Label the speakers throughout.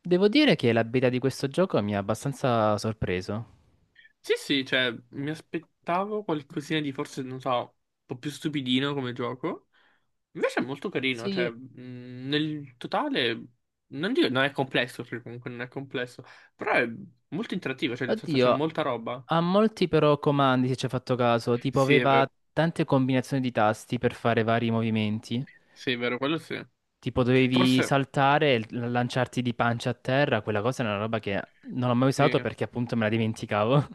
Speaker 1: Devo dire che la beta di questo gioco mi ha abbastanza sorpreso.
Speaker 2: Sì, sì, cioè, mi aspettavo qualcosina di forse, non so, un po' più stupidino come gioco. Invece è molto carino, cioè,
Speaker 1: Sì,
Speaker 2: nel totale, non dico, non è complesso, perché comunque non è complesso, però è molto interattivo, cioè, nel senso c'è
Speaker 1: oddio,
Speaker 2: molta roba.
Speaker 1: ha molti però comandi, se ci hai fatto caso, tipo
Speaker 2: Sì, è
Speaker 1: aveva
Speaker 2: vero,
Speaker 1: tante combinazioni di tasti per fare vari movimenti.
Speaker 2: sì, è vero, quello sì.
Speaker 1: Tipo dovevi
Speaker 2: Forse,
Speaker 1: saltare e lanciarti di pancia a terra, quella cosa è una roba che non ho mai
Speaker 2: sì.
Speaker 1: usato perché appunto me la dimenticavo.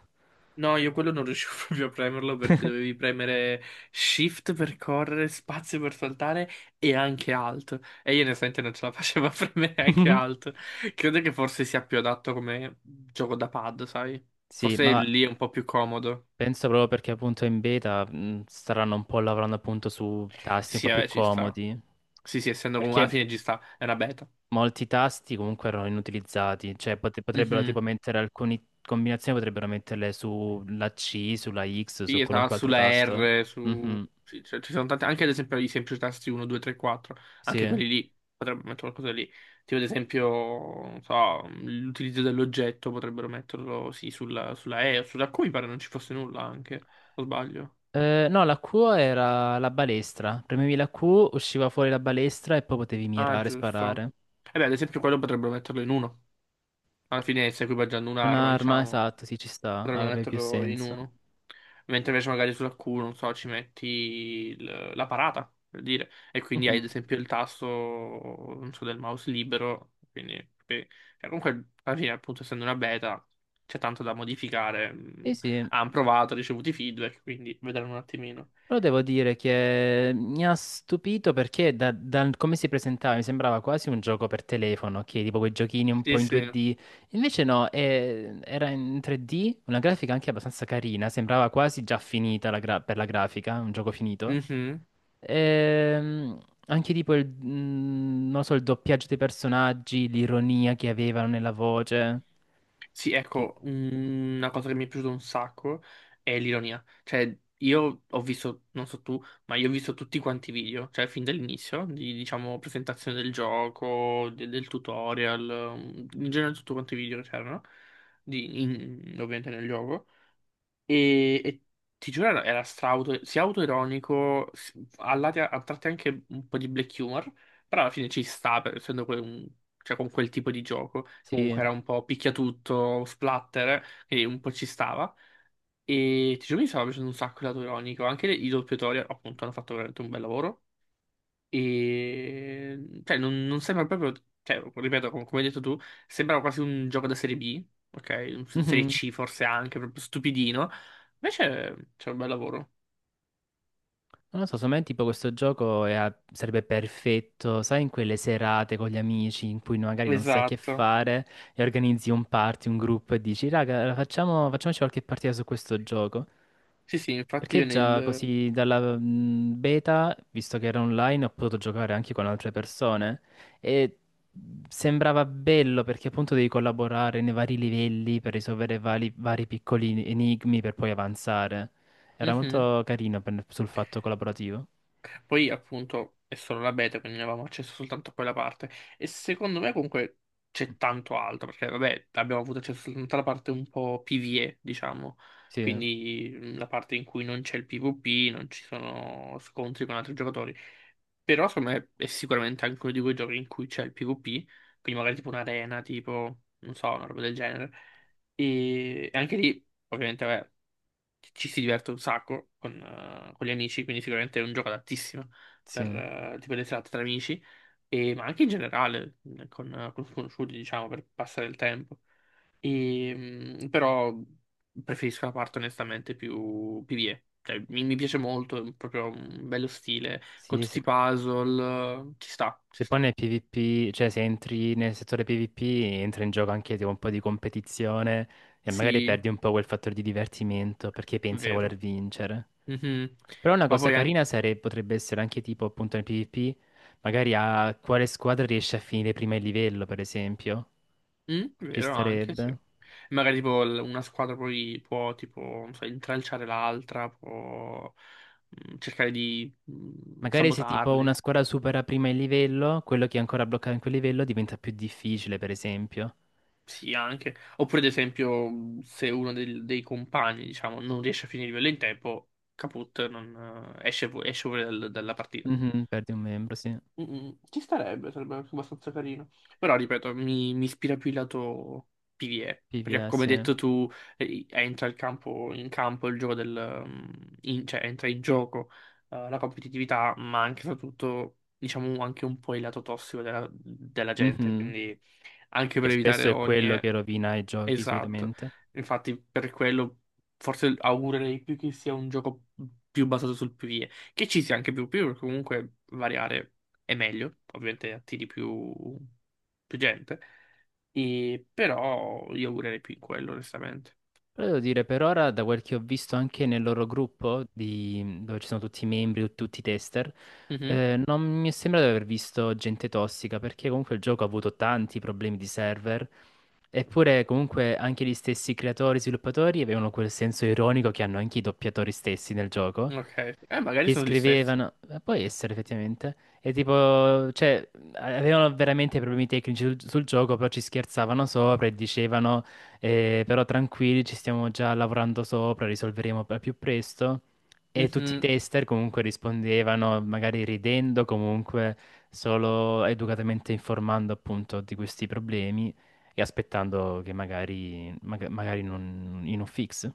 Speaker 2: No, io quello non riuscivo proprio a premerlo perché dovevi premere Shift per correre, spazio per saltare e anche Alt. E io onestamente non ce la facevo a premere anche Alt. Credo che forse sia più adatto come gioco da pad, sai?
Speaker 1: Sì,
Speaker 2: Forse
Speaker 1: ma
Speaker 2: lì è un po' più comodo.
Speaker 1: penso proprio perché appunto in beta staranno un po' lavorando appunto su tasti un
Speaker 2: Sì,
Speaker 1: po' più
Speaker 2: vabbè, ci sta.
Speaker 1: comodi.
Speaker 2: Sì, sì, essendo comunque
Speaker 1: Perché
Speaker 2: alla fine ci sta, è una beta.
Speaker 1: molti tasti comunque erano inutilizzati, cioè potrebbero tipo
Speaker 2: Mhm.
Speaker 1: mettere alcune combinazioni, potrebbero metterle sulla C, sulla X,
Speaker 2: Sì,
Speaker 1: su
Speaker 2: esatto,
Speaker 1: qualunque altro
Speaker 2: sulla
Speaker 1: tasto.
Speaker 2: R, su...
Speaker 1: Mhm.
Speaker 2: sì, cioè, ci sono tanti, anche ad esempio i semplici tasti 1, 2, 3, 4, anche
Speaker 1: Sì.
Speaker 2: quelli lì, potrebbero mettere qualcosa lì, tipo ad esempio, non so, l'utilizzo dell'oggetto, potrebbero metterlo, sì, sulla E o sulla Q, mi pare non ci fosse nulla anche, o sbaglio?
Speaker 1: No, la Q era la balestra. Premevi la Q, usciva fuori la balestra e poi potevi
Speaker 2: Ah,
Speaker 1: mirare e
Speaker 2: giusto.
Speaker 1: sparare.
Speaker 2: E beh, ad esempio quello potrebbero metterlo in uno, alla fine sta equipaggiando un'arma,
Speaker 1: Un'arma,
Speaker 2: diciamo.
Speaker 1: esatto, sì, ci sta,
Speaker 2: Potremmo
Speaker 1: avrebbe più
Speaker 2: metterlo in
Speaker 1: senso.
Speaker 2: uno. Mentre invece magari sulla Q, non so, ci metti la parata, per dire. E quindi hai
Speaker 1: Mhm.
Speaker 2: ad esempio il tasto, non so, del mouse libero. Quindi, beh, cioè, comunque, alla fine, appunto, essendo una beta, c'è tanto da modificare.
Speaker 1: Sì, sì.
Speaker 2: Hanno provato, ricevuto i feedback, quindi vedremo un attimino.
Speaker 1: Però devo dire che mi ha stupito perché dal come si presentava mi sembrava quasi un gioco per telefono, che tipo quei giochini un po'
Speaker 2: Sì,
Speaker 1: in
Speaker 2: sì.
Speaker 1: 2D. Invece no, era in 3D, una grafica anche abbastanza carina, sembrava quasi già finita la per la grafica, un gioco finito.
Speaker 2: Mhm.
Speaker 1: Ehm, anche tipo non lo so, il doppiaggio dei personaggi, l'ironia che avevano nella voce.
Speaker 2: Sì,
Speaker 1: che-
Speaker 2: ecco, una cosa che mi è piaciuta un sacco è l'ironia. Cioè, io ho visto, non so tu, ma io ho visto tutti quanti i video, cioè fin dall'inizio, di, diciamo, presentazione del gioco, del tutorial, in genere tutti quanti i video che c'erano, ovviamente nel gioco. E ti giuro, era stra auto, sia autoironico, a a tratti anche un po' di black humor, però alla fine ci sta, essendo cioè, con quel tipo di gioco, che
Speaker 1: sì.
Speaker 2: comunque era un po' picchiatutto, splatter, e un po' ci stava. E ti giuro, mi stava piacendo un sacco l'autoironico, anche i doppiatori appunto hanno fatto veramente un bel lavoro. E cioè, non sembra proprio, cioè, ripeto, come hai detto tu, sembra quasi un gioco da serie B, ok? Serie C forse anche, proprio stupidino. Invece c'è un bel lavoro.
Speaker 1: Non lo so, secondo me tipo questo gioco è sarebbe perfetto, sai, in quelle serate con gli amici in cui magari non sai che
Speaker 2: Esatto.
Speaker 1: fare e organizzi un party, un gruppo e dici, raga, allora facciamoci qualche partita su questo gioco.
Speaker 2: Sì, sì, infatti
Speaker 1: Perché
Speaker 2: io
Speaker 1: già
Speaker 2: nel...
Speaker 1: così dalla beta, visto che era online, ho potuto giocare anche con altre persone e sembrava bello perché appunto devi collaborare nei vari livelli per risolvere vari piccoli enigmi per poi avanzare. Era
Speaker 2: Mhm.
Speaker 1: molto carino sul fatto collaborativo.
Speaker 2: Poi appunto è solo la beta, quindi ne avevamo accesso soltanto a quella parte. E secondo me comunque c'è tanto altro, perché vabbè, abbiamo avuto accesso soltanto alla parte un po' PvE, diciamo.
Speaker 1: Sì,
Speaker 2: Quindi la parte in cui non c'è il PvP, non ci sono scontri con altri giocatori. Però secondo me è sicuramente anche uno di quei giochi in cui c'è il PvP, quindi magari tipo un'arena, tipo, non so, una roba del genere. E anche lì, ovviamente, vabbè, ci si diverte un sacco con gli amici, quindi sicuramente è un gioco adattissimo per
Speaker 1: sì,
Speaker 2: tipo le serate tra amici, ma anche in generale con sconosciuti, diciamo, per passare il tempo. Però preferisco la parte onestamente più PvE. Cioè, mi piace molto, è proprio un bello stile, con
Speaker 1: sì,
Speaker 2: tutti
Speaker 1: sì.
Speaker 2: i puzzle, ci sta, ci
Speaker 1: Se poi
Speaker 2: sta.
Speaker 1: nel PvP, cioè se entri nel settore PvP, entra in gioco anche tipo un po' di competizione e magari
Speaker 2: Sì,
Speaker 1: perdi un po' quel fattore di divertimento perché pensi a
Speaker 2: vero.
Speaker 1: voler vincere.
Speaker 2: Mhm.
Speaker 1: Però una
Speaker 2: Ma
Speaker 1: cosa
Speaker 2: poi
Speaker 1: carina potrebbe essere anche tipo appunto nel PvP, magari a quale squadra riesce a finire prima il livello, per esempio.
Speaker 2: Mm,
Speaker 1: Ci
Speaker 2: vero anche, sì.
Speaker 1: starebbe.
Speaker 2: Magari tipo una squadra poi può tipo, non so, intralciare l'altra, può cercare di
Speaker 1: Magari se tipo una
Speaker 2: sabotarli.
Speaker 1: squadra supera prima il livello, quello che è ancora bloccato in quel livello diventa più difficile, per esempio.
Speaker 2: Sì, anche. Oppure, ad esempio, se uno dei compagni, diciamo, non riesce a finire il livello in tempo, caput, non, esce, esce fuori dalla partita.
Speaker 1: Mhm, perdi un membro, sì.
Speaker 2: Ci starebbe, sarebbe anche abbastanza carino. Però, ripeto, mi ispira più il lato PvE. Perché,
Speaker 1: PvE,
Speaker 2: come hai
Speaker 1: sì.
Speaker 2: detto tu, entra il campo, in campo il gioco del... cioè, entra in gioco la competitività, ma anche e soprattutto, diciamo, anche un po' il lato tossico della gente.
Speaker 1: Mhm.
Speaker 2: Quindi, anche
Speaker 1: Che
Speaker 2: per evitare
Speaker 1: spesso è quello
Speaker 2: rogne,
Speaker 1: che rovina i giochi
Speaker 2: Esatto,
Speaker 1: solitamente.
Speaker 2: infatti per quello forse augurerei più che sia un gioco più basato sul PvE, che ci sia anche più PvE, perché comunque variare è meglio, ovviamente attiri più, più gente, e, però io augurerei più in quello onestamente.
Speaker 1: Però devo dire, per ora, da quel che ho visto anche nel loro gruppo, dove ci sono tutti i membri, tutti i tester,
Speaker 2: Mhm,
Speaker 1: non mi è sembrato di aver visto gente tossica, perché comunque il gioco ha avuto tanti problemi di server, eppure comunque anche gli stessi creatori e sviluppatori avevano quel senso ironico che hanno anche i doppiatori stessi nel gioco,
Speaker 2: Ok, magari
Speaker 1: gli
Speaker 2: sono gli stessi.
Speaker 1: scrivevano, può essere effettivamente, e tipo, cioè, avevano veramente problemi tecnici sul gioco, però ci scherzavano sopra e dicevano, però tranquilli, ci stiamo già lavorando sopra, risolveremo al più presto. E tutti i
Speaker 2: Mhm.
Speaker 1: tester comunque rispondevano, magari ridendo, comunque solo educatamente informando appunto di questi problemi e aspettando che magari non, in un fix.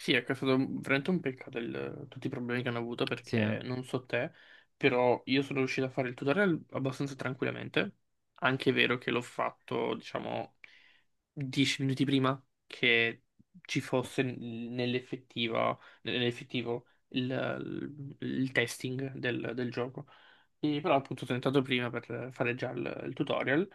Speaker 2: Sì, ecco, è stato veramente un peccato tutti i problemi che hanno avuto
Speaker 1: Sì,
Speaker 2: perché non so te, però io sono riuscito a fare il tutorial abbastanza tranquillamente. Anche è vero che l'ho fatto, diciamo, 10 minuti prima che ci fosse nell'effettiva, nell'effettivo il testing del gioco. E però appunto sono entrato prima per fare già il tutorial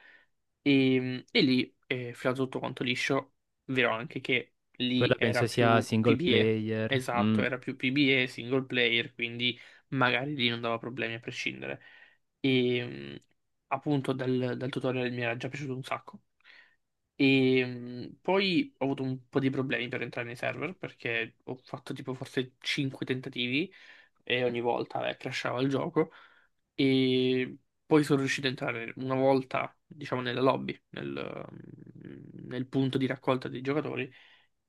Speaker 2: e lì è filato tutto quanto liscio. Vero anche che lì
Speaker 1: quella penso
Speaker 2: era
Speaker 1: sia
Speaker 2: più
Speaker 1: single
Speaker 2: PBE,
Speaker 1: player.
Speaker 2: esatto,
Speaker 1: Mm.
Speaker 2: era più PBE single player, quindi magari lì non dava problemi a prescindere. E mh, appunto dal tutorial mi era già piaciuto un sacco. Poi ho avuto un po' di problemi per entrare nei server perché ho fatto tipo forse 5 tentativi e ogni volta crashava il gioco. E poi sono riuscito ad entrare una volta, diciamo, nella lobby, nel punto di raccolta dei giocatori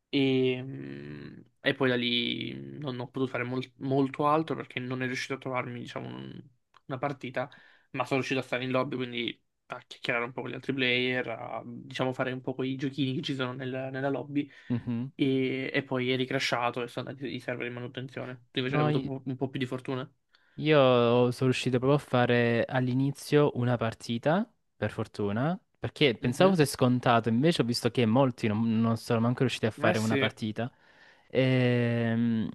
Speaker 2: e poi da lì non ho potuto fare molto altro perché non è riuscito a trovarmi, diciamo, una partita, ma sono riuscito a stare in lobby, quindi a chiacchierare un po' con gli altri player, a, diciamo, fare un po' quei giochini che ci sono nella lobby.
Speaker 1: Mhm.
Speaker 2: E poi eri crashato e sono andati i server in manutenzione. Tu invece hai
Speaker 1: No,
Speaker 2: avuto un po' più di fortuna.
Speaker 1: io sono riuscito proprio a fare all'inizio una partita, per fortuna, perché pensavo
Speaker 2: Mhm.
Speaker 1: fosse scontato, invece ho visto che molti non, non sono manco riusciti a
Speaker 2: Eh
Speaker 1: fare una
Speaker 2: sì.
Speaker 1: partita. Ehm,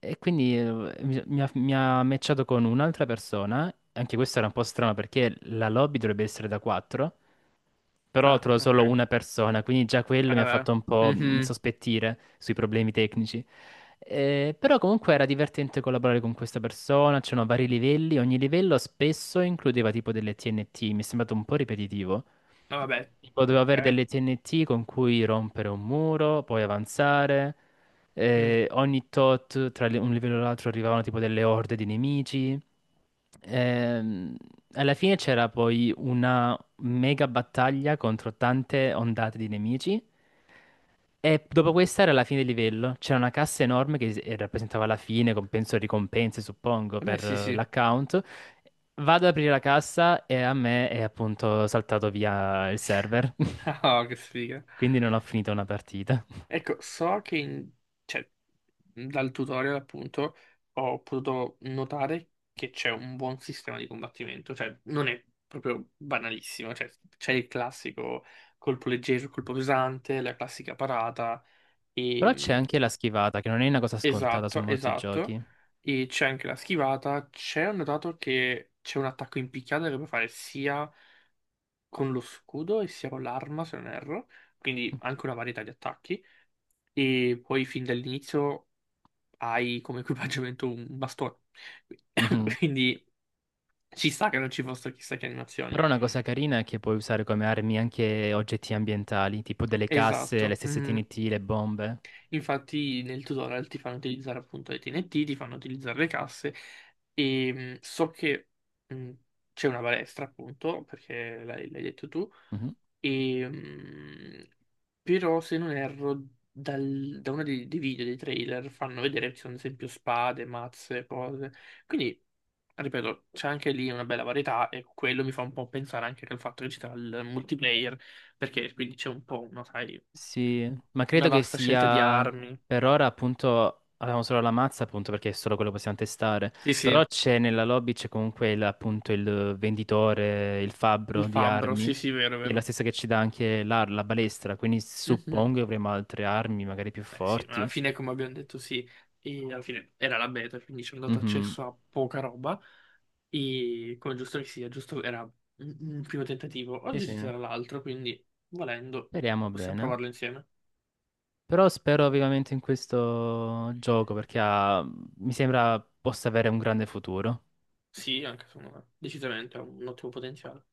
Speaker 1: E, quindi mi ha matchato con un'altra persona, anche questo era un po' strano perché la lobby dovrebbe essere da 4. Però
Speaker 2: Ah,
Speaker 1: trovo solo
Speaker 2: ok.
Speaker 1: una persona, quindi già quello mi ha
Speaker 2: Vabbè.
Speaker 1: fatto un po'
Speaker 2: Mhm.
Speaker 1: insospettire sui problemi tecnici. Però comunque era divertente collaborare con questa persona, c'erano vari livelli, ogni livello spesso includeva tipo delle TNT, mi è sembrato un po' ripetitivo.
Speaker 2: Ah, Vabbè.
Speaker 1: Tipo dovevo avere
Speaker 2: Ok.
Speaker 1: delle TNT con cui rompere un muro, poi avanzare.
Speaker 2: Mm.
Speaker 1: Eh, ogni tot tra un livello e l'altro arrivavano tipo delle orde di nemici. Ehm, alla fine c'era poi mega battaglia contro tante ondate di nemici. E dopo questa era la fine del livello. C'era una cassa enorme che rappresentava la fine, compenso e ricompense, suppongo,
Speaker 2: Vabbè,
Speaker 1: per
Speaker 2: sì, sì.
Speaker 1: l'account. Vado ad aprire la cassa e a me è appunto saltato via il server.
Speaker 2: Oh, che sfiga.
Speaker 1: Quindi non ho finito una partita.
Speaker 2: Ecco, so che cioè, dal tutorial appunto ho potuto notare che c'è un buon sistema di combattimento, cioè non è proprio banalissimo, cioè c'è il classico colpo leggero, colpo pesante, la classica parata, e,
Speaker 1: Però c'è anche la schivata, che non è una cosa scontata su
Speaker 2: esatto,
Speaker 1: molti
Speaker 2: esatto,
Speaker 1: giochi.
Speaker 2: e c'è anche la schivata, c'è ho notato che c'è un attacco in picchiata che puoi fare sia con lo scudo e sia con l'arma, se non erro, quindi anche una varietà di attacchi. E poi fin dall'inizio hai come equipaggiamento un bastone.
Speaker 1: Mhm.
Speaker 2: Quindi ci sta che non ci fossero chissà che animazioni.
Speaker 1: Però una cosa carina è che puoi usare come armi anche oggetti ambientali, tipo delle casse, le
Speaker 2: Esatto.
Speaker 1: stesse
Speaker 2: Mm.
Speaker 1: TNT, le bombe.
Speaker 2: Infatti nel tutorial ti fanno utilizzare appunto le TNT, ti fanno utilizzare le casse so che mm, c'è una balestra appunto, perché l'hai detto tu.
Speaker 1: Mm-hmm.
Speaker 2: E, mm, però se non erro, da uno dei video, dei trailer, fanno vedere che ci sono ad esempio spade, mazze, cose. Quindi, ripeto, c'è anche lì una bella varietà e quello mi fa un po' pensare anche al fatto che ci sarà il multiplayer, perché quindi c'è un po', una, sai,
Speaker 1: Sì, ma
Speaker 2: una
Speaker 1: credo che
Speaker 2: vasta scelta di
Speaker 1: sia
Speaker 2: armi.
Speaker 1: per ora appunto abbiamo solo la mazza appunto perché è solo quello che possiamo testare,
Speaker 2: Sì, sì.
Speaker 1: però c'è nella lobby c'è comunque appunto il venditore, il
Speaker 2: Il
Speaker 1: fabbro di
Speaker 2: fabbro,
Speaker 1: armi,
Speaker 2: sì, sì, vero,
Speaker 1: che è la
Speaker 2: vero.
Speaker 1: stessa che ci dà anche balestra, quindi
Speaker 2: Mhm.
Speaker 1: suppongo che avremo altre armi magari più
Speaker 2: Beh, sì, ma alla
Speaker 1: forti.
Speaker 2: fine, come abbiamo detto, sì, e alla fine era la beta, quindi ci hanno dato
Speaker 1: Mhm.
Speaker 2: accesso a poca roba. E come giusto che sia, giusto era un primo tentativo.
Speaker 1: Sì,
Speaker 2: Oggi
Speaker 1: sì,
Speaker 2: ci sarà l'altro, quindi volendo
Speaker 1: speriamo
Speaker 2: possiamo
Speaker 1: bene.
Speaker 2: provarlo insieme.
Speaker 1: Però spero vivamente in questo gioco perché mi sembra possa avere un grande futuro.
Speaker 2: Sì, anche secondo me, decisamente ha un ottimo potenziale.